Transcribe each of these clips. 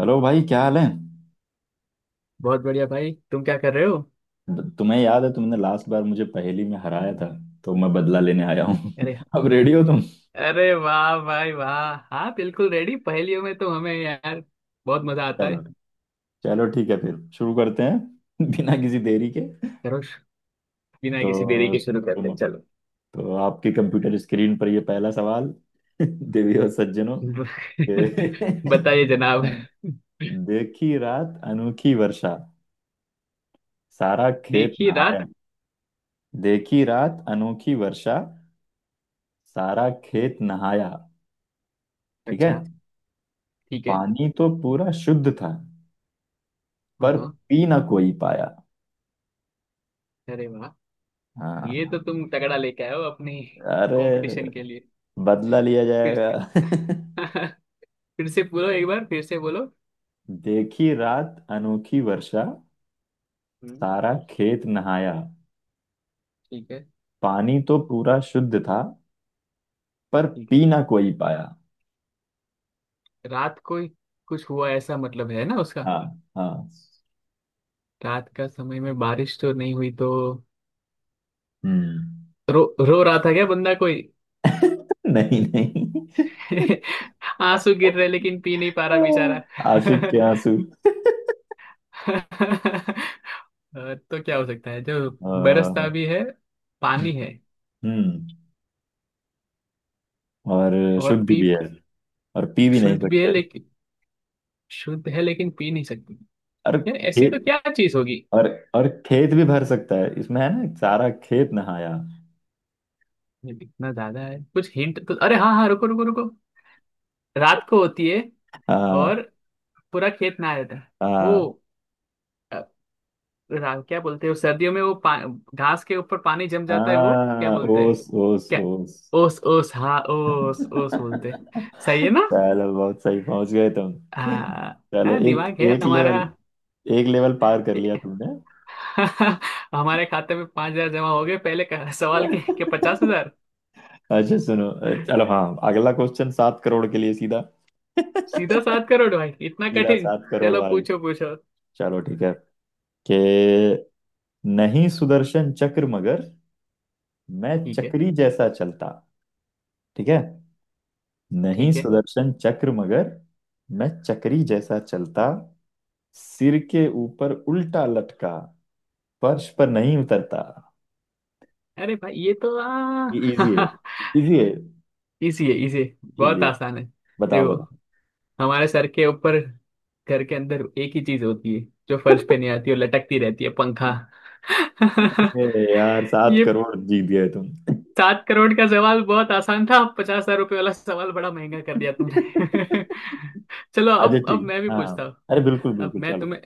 Hello भाई क्या हाल है। बहुत बढ़िया भाई। तुम क्या कर रहे हो? तुम्हें याद है तुमने लास्ट बार मुझे पहेली में हराया था, तो मैं बदला लेने आया हूँ। अरे अब रेडी हो तुम। अरे वाह भाई वाह। हाँ बिल्कुल रेडी, पहेलियों में तो हमें यार बहुत मजा आता है। चलो चलो ठीक है फिर शुरू करते हैं बिना किसी देरी के। करो बिना किसी देरी तो के शुरू करते तुम हैं चलो। तो आपके कंप्यूटर स्क्रीन पर ये पहला सवाल। देवी और सज्जनों। बताइए जनाब। देखी रात अनोखी वर्षा। सारा खेत देखिए रात। नहाया। देखी रात अनोखी वर्षा। सारा खेत नहाया। ठीक है। अच्छा ठीक है। पानी तो पूरा शुद्ध था हाँ पर हाँ। पी ना कोई पाया। अरे वाह, ये हाँ। तो तुम तगड़ा लेके आए हो अपनी अरे कंपटीशन के लिए। बदला लिया फिर जाएगा। फिर से बोलो, एक बार फिर से बोलो। देखी रात अनोखी वर्षा। हम्म। सारा खेत नहाया। ठीक है। पानी तो पूरा शुद्ध था पर ठीक है, पी ना कोई पाया। रात को ही कुछ हुआ ऐसा मतलब है ना उसका। हाँ हाँ। रात का समय में बारिश तो नहीं हुई तो हम्म। रो रो रहा था क्या बंदा कोई? नहीं नहीं, आंसू गिर रहे लेकिन पी नहीं पा रहा बेचारा। आशिक के आंसू। तो क्या हो सकता है जो बरसता अ, भी है, पानी है हम्म और और शुद्ध पी, भी है और पी भी नहीं शुद्ध भी है सकते। लेकिन, शुद्ध है लेकिन पी नहीं सकती। और यार ऐसी तो खेत। क्या चीज होगी? और और खेत भी भर सकता है इसमें, है ना? सारा खेत नहाया। ये इतना ज्यादा है कुछ हिंट तो, अरे हाँ हाँ रुको रुको रुको। रात को होती है और हाँ। पूरा खेत नहा जाता है। वो हाँ क्या बोलते हैं वो, सर्दियों में वो घास के ऊपर पानी जम जाता है वो क्या हाँ, बोलते हैं? ओस ओस क्या? ओस। ओस ओस, हाँ ओस ओस बोलते हैं। सही है ना? चलो बहुत सही पहुंच गए तुम। हाँ। चलो हाँ, एक दिमाग है एक लेवल हमारा। एक लेवल पार कर ए- लिया तुमने। हमारे खाते में पांच हजार जमा हो गए पहले का सवाल के पचास हजार। अच्छा सुनो। चलो हाँ। अगला क्वेश्चन 7 करोड़ के लिए सीधा। सीधा सीधा सात करोड़ भाई, इतना कठिन? 7 करोड़ चलो भाई। पूछो पूछो। चलो ठीक है कि नहीं, सुदर्शन चक्र मगर मैं ठीक है। चक्री जैसा चलता। ठीक है। नहीं ठीक है। सुदर्शन चक्र मगर मैं चक्री जैसा चलता। सिर के ऊपर उल्टा लटका, फर्श पर नहीं उतरता। अरे भाई ये तो ये इजी है। इजी है। इसी है इसी है। बहुत इजी है। आसान है। बताओ देखो बताओ। हमारे सर के ऊपर घर के अंदर एक ही चीज होती है जो फर्श पे नहीं आती और लटकती रहती है, पंखा। ए यार सात ये करोड़ जीत गए तुम। सात करोड़ का सवाल बहुत आसान था, पचास हजार रुपये वाला सवाल बड़ा महंगा कर दिया तुमने। चलो अच्छा अब ठीक मैं भी है, पूछता हाँ हूँ। अरे बिल्कुल अब बिल्कुल मैं चलो। तुम्हें,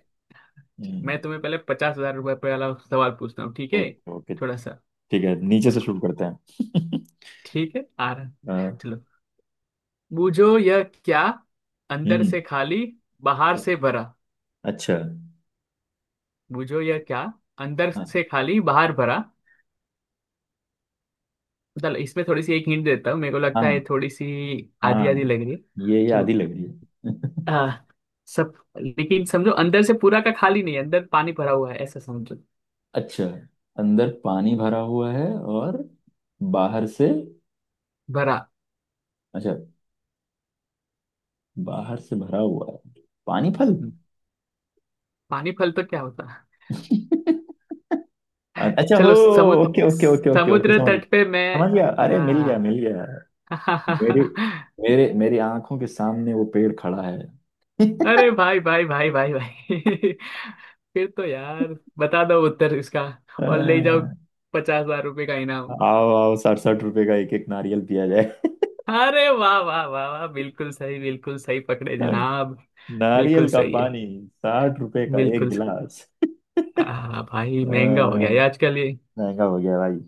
मैं हम्म। तुम्हें पहले पचास हजार रुपये वाला सवाल पूछता हूँ ठीक है? Okay okay. थोड़ा सा। ठीक है नीचे से चलो शुरू करते हैं। ठीक है, आ रहा। हाँ। चलो बूझो यह क्या? अंदर हम्म। से खाली बाहर से भरा। अच्छा। बूझो यह क्या? अंदर हाँ से खाली बाहर भरा। चलो इसमें थोड़ी सी एक हिंट देता हूँ, मेरे को हाँ। लगता है थोड़ी सी आधी आधी हाँ लग रही है। ये आधी चलो लग रही है। आ, सब, लेकिन समझो अंदर से पूरा का खाली नहीं है, अंदर पानी भरा हुआ है ऐसा समझो। अच्छा। अंदर पानी भरा हुआ है और बाहर से, भरा। अच्छा, बाहर से भरा हुआ है, पानी फल। हम्म, पानी फल तो क्या होता है? अच्छा हो। चलो समुद्र, okay okay okay okay okay. समुद्र समझ तट पे मैं। समझ गया। अरे मिल गया हाँ। मिल गया। मेरी मेरी आंखों के सामने वो पेड़ खड़ा है। अरे भाई भाई भाई भाई भाई। फिर तो यार बता दो उत्तर इसका अ, और ले जाओ पचास हजार रुपये का इनाम। आओ आओ, 67 रुपए का एक एक नारियल पिया जाए। अरे वाह वाह वाह वाह, बिल्कुल सही पकड़े जनाब। बिल्कुल नारियल का सही है। पानी। 60 रुपए का एक बिल्कुल सही। गिलास। भाई महंगा हो गया अ, है आजकल ये। महंगा हो गया भाई।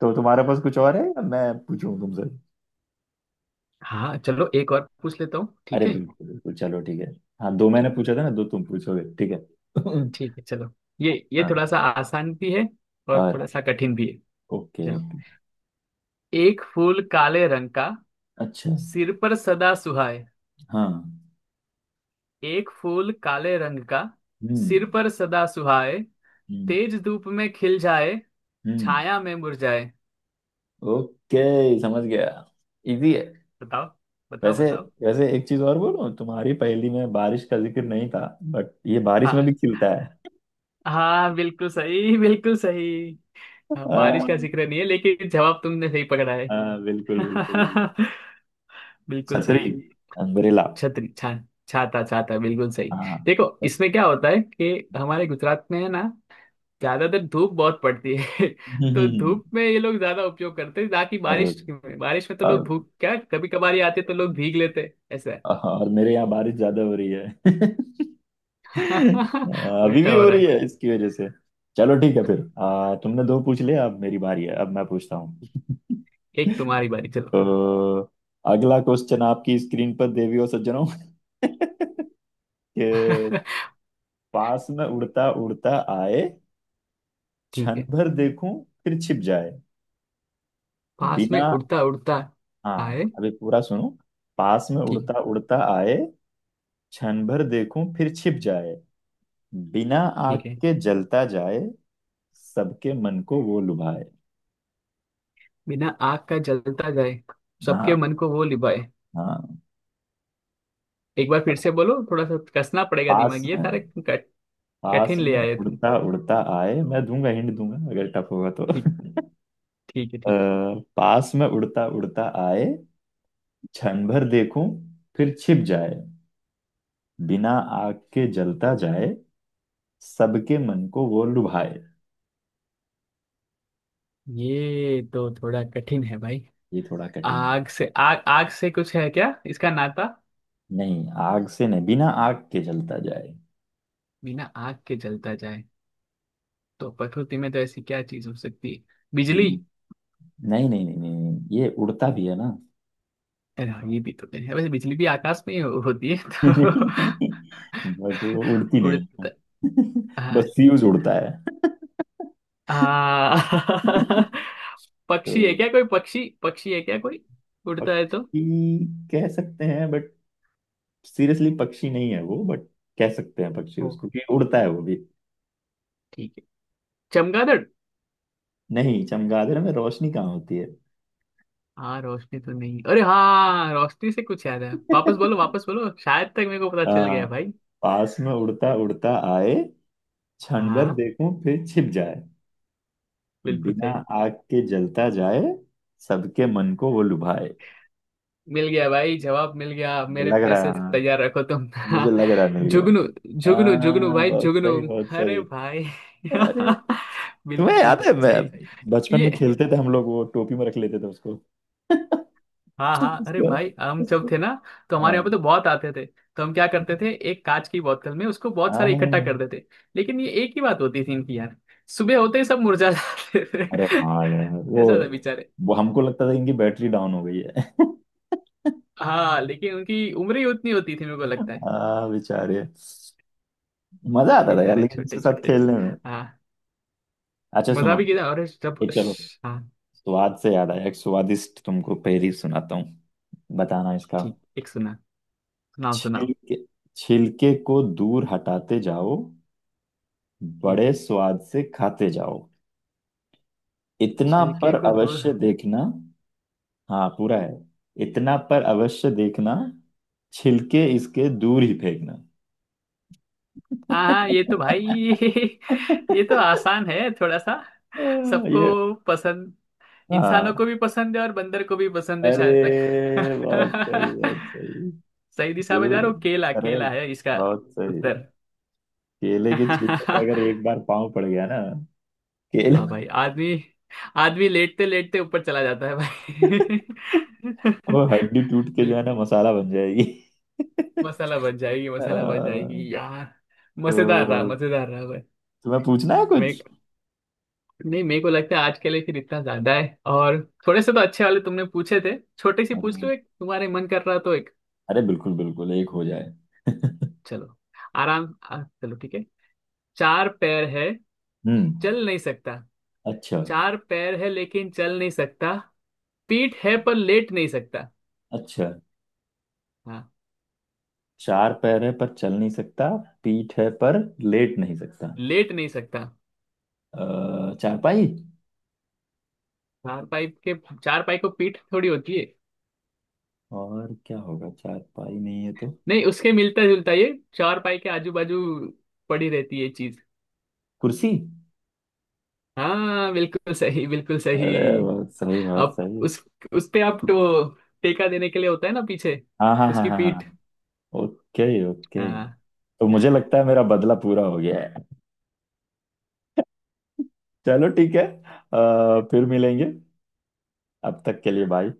तो तुम्हारे पास कुछ और है या मैं पूछूं तुमसे? हाँ चलो एक और पूछ लेता हूँ अरे ठीक है। बिल्कुल बिल्कुल चलो ठीक है। हाँ दो मैंने चलो पूछा था ना, दो तुम पूछोगे, ठीक है। ठीक है चलो। ये थोड़ा हाँ। सा आसान भी है और और थोड़ा सा कठिन भी है। ओके। चलो एक फूल काले रंग का, अच्छा। सिर पर सदा सुहाए। हाँ। एक फूल काले रंग का, सिर हम्म। पर सदा सुहाए। हम्म। तेज धूप में खिल जाए, हम्म। छाया में मुरझाए। ओके समझ गया। इजी है। बताओ बताओ वैसे बताओ। वैसे एक चीज और बोलूं, तुम्हारी पहेली में बारिश का जिक्र नहीं था, बट ये बारिश में हाँ भी खिलता है। हाँ बिल्कुल सही बिल्कुल सही। हाँ, बारिश का हाँ जिक्र नहीं है लेकिन जवाब तुमने सही पकड़ा है। हाँ, बिल्कुल बिल्कुल बिल्कुल। बिल्कुल सही छतरी। है। अम्ब्रेला। छतरी छा छाता छाता बिल्कुल सही। हाँ। देखो इसमें क्या होता है कि हमारे गुजरात में है ना, ज्यादातर धूप बहुत पड़ती है। तो हम्म, धूप में ये लोग ज्यादा उपयोग करते हैं ना, कि और बारिश में, बारिश में तो लोग और भूख क्या कभी कभार ही आते, तो लोग भीग लेते हैं, ऐसा है। और मेरे यहाँ बारिश ज्यादा हो रही है। हाँ, अभी उल्टा भी हो हो रहा रही है। है इसकी वजह से। चलो ठीक है फिर। तुमने दो पूछ लिया, अब मेरी बारी है, अब मैं पूछता हूँ। एक तुम्हारी बारी चलो। तो अगला क्वेश्चन आपकी स्क्रीन पर, देवियों सज्जनों। के पास में उड़ता उड़ता आए, ठीक क्षण है, भर देखूं फिर छिप जाए, पास बिना। में उड़ता उड़ता हाँ आए। अभी पूरा सुनो। पास में ठीक है। उड़ता उड़ता आए, क्षण भर देखूं फिर छिप जाए, बिना आग ठीक है, के जलता जाए, सबके मन को वो लुभाए। बिना आग का जलता जाए सबके हाँ मन को वो लिभाए। हाँ। एक बार फिर और से बोलो, थोड़ा सा कसना पड़ेगा पास दिमाग, ये में सारे पास कठिन ले में आए तुम। उड़ता उड़ता आए। मैं दूंगा हिंट दूंगा अगर टफ होगा तो। ठीक, ठीक है, ठीक। पास में उड़ता उड़ता आए, क्षण भर देखूं फिर छिप जाए, बिना आग के जलता जाए, सबके मन को वो लुभाए। ये तो थोड़ा कठिन है भाई। ये थोड़ा कठिन है। आग से कुछ है क्या इसका नाता? नहीं, आग से नहीं, बिना आग के जलता जाए। बिना आग के जलता जाए। तो प्रकृति में तो ऐसी क्या चीज हो सकती है? बिजली? हम्म। नहीं नहीं नहीं नहीं नहीं, ये उड़ता भी है ना। अरे हाँ, ये भी तो है वैसे, बिजली भी आकाश में ही होती है तो। नहीं नहीं, बट वो उड़ती नहीं है। उड़ता, हाँ। बस फ्यूज उड़ता है। हाँ तो पक्षी है क्या कोई? पक्षी पक्षी है क्या कोई उड़ता है तो? पक्षी कह सकते हैं बट सीरियसली पक्षी नहीं है वो, बट कह सकते हैं पक्षी हो, उसको कि उड़ता है वो भी। ठीक है, चमगादड़। नहीं, चमगादड़ में रोशनी कहाँ होती है? हाँ रोशनी तो नहीं, अरे हाँ रोशनी से कुछ याद है, वापस बोलो वापस बोलो, शायद तक मेरे को पता चल हाँ। गया भाई। पास में उड़ता उड़ता आए, क्षण भर हाँ देखूं फिर छिप जाए, बिल्कुल बिना सही। आग के जलता जाए, सबके मन को वो लुभाए। मिल गया भाई जवाब मिल गया, मेरे लग रहा पैसे है। हाँ तैयार रखो तुम। मुझे लग रहा है मिल गया। जुगनू, जुगनू जुगनू हाँ भाई बहुत जुगनू। सही बहुत अरे सही। भाई। अरे। तुम्हें बिल्कुल याद है सही। बचपन ये, में खेलते थे हम लोग, वो टोपी में रख लेते थे उसको। हाँ हाँ अरे उसको- भाई, हम जब उसको- थे ना तो हमारे हाँ यहाँ पे तो बहुत आते थे, तो हम क्या करते थे, एक कांच की बोतल में उसको बहुत सारे इकट्ठा कर हाँ। देते। लेकिन ये एक ही बात होती थी इनकी यार, सुबह होते ही सब मुरझा जाते थे। अरे हाँ यार वो ऐसा था बेचारे। वो हमको लगता था इनकी बैटरी डाउन हो गई है। हाँ लेकिन उनकी उम्र ही उतनी होती थी मेरे को लगता है। हाँ बेचारे। मजा आता था यार बेचारे लेकिन छोटे उसके साथ छोटे। खेलने में। हाँ। अच्छा मजा सुनो। भी किया और जब, ये चलो, हाँ स्वाद से याद आया, एक स्वादिष्ट तुमको पहेली सुनाता हूँ। बताना इसका। ठीक, एक सुना, सुनाओ सुनाओ। छिलके छिलके को दूर हटाते जाओ, ठीक बड़े है, स्वाद से खाते जाओ, इतना छिलके पर को दूर, अवश्य देखना। हाँ पूरा है। इतना पर अवश्य देखना, छिलके इसके दूर ही फेंकना। हाँ हाँ ये तो भाई। ये तो आसान है थोड़ा सा। ये सबको पसंद, इंसानों हाँ, को भी पसंद है और बंदर को भी पसंद है शायद अरे बहुत सही तक। बहुत सही। सही दिशा में जा जरूर। रहा हूँ, केला अरे केला है इसका बहुत सही। उत्तर। केले के छिलके पे अगर एक बार पाँव पड़ गया ना, हाँ केला। भाई आदमी, आदमी लेटते लेटते ऊपर चला जाता है भाई। वो हड्डी टूट के जो है बिल्कुल, ना, मसाला बन जाएगी। मसाला बन अ, जाएगी यार। तो मजेदार रहा भाई। तुम्हें पूछना है मैं कुछ? नहीं मेरे को लगता है आज के लिए फिर इतना ज्यादा है और थोड़े से तो अच्छे वाले तुमने पूछे थे, छोटे से अरे पूछ लो एक, तुम्हारे मन कर रहा तो एक अरे बिल्कुल बिल्कुल एक हो जाए। चलो। आराम चलो ठीक है। चार पैर है, हम्म। चल नहीं सकता। अच्छा चार पैर है लेकिन चल नहीं सकता, पीठ है पर लेट नहीं सकता। अच्छा। हाँ, चार पैर है पर चल नहीं सकता, पीठ है पर लेट नहीं सकता। लेट नहीं सकता। चारपाई। चार पाई के, चार पाई को पीठ थोड़ी होती है। और क्या होगा चारपाई नहीं है तो? नहीं उसके मिलता जुलता ये, चार पाई के आजू बाजू पड़ी रहती है ये चीज। कुर्सी। हाँ बिल्कुल सही बिल्कुल सही। अरे बहुत सही बहुत अब सही। उस पे आप तो टेका देने के लिए होता है ना पीछे, हाँ हाँ हाँ उसकी हाँ पीठ। हाँ। Okay okay. हाँ। तो मुझे लगता है मेरा बदला पूरा हो गया है। चलो ठीक है। फिर मिलेंगे। अब तक के लिए बाय।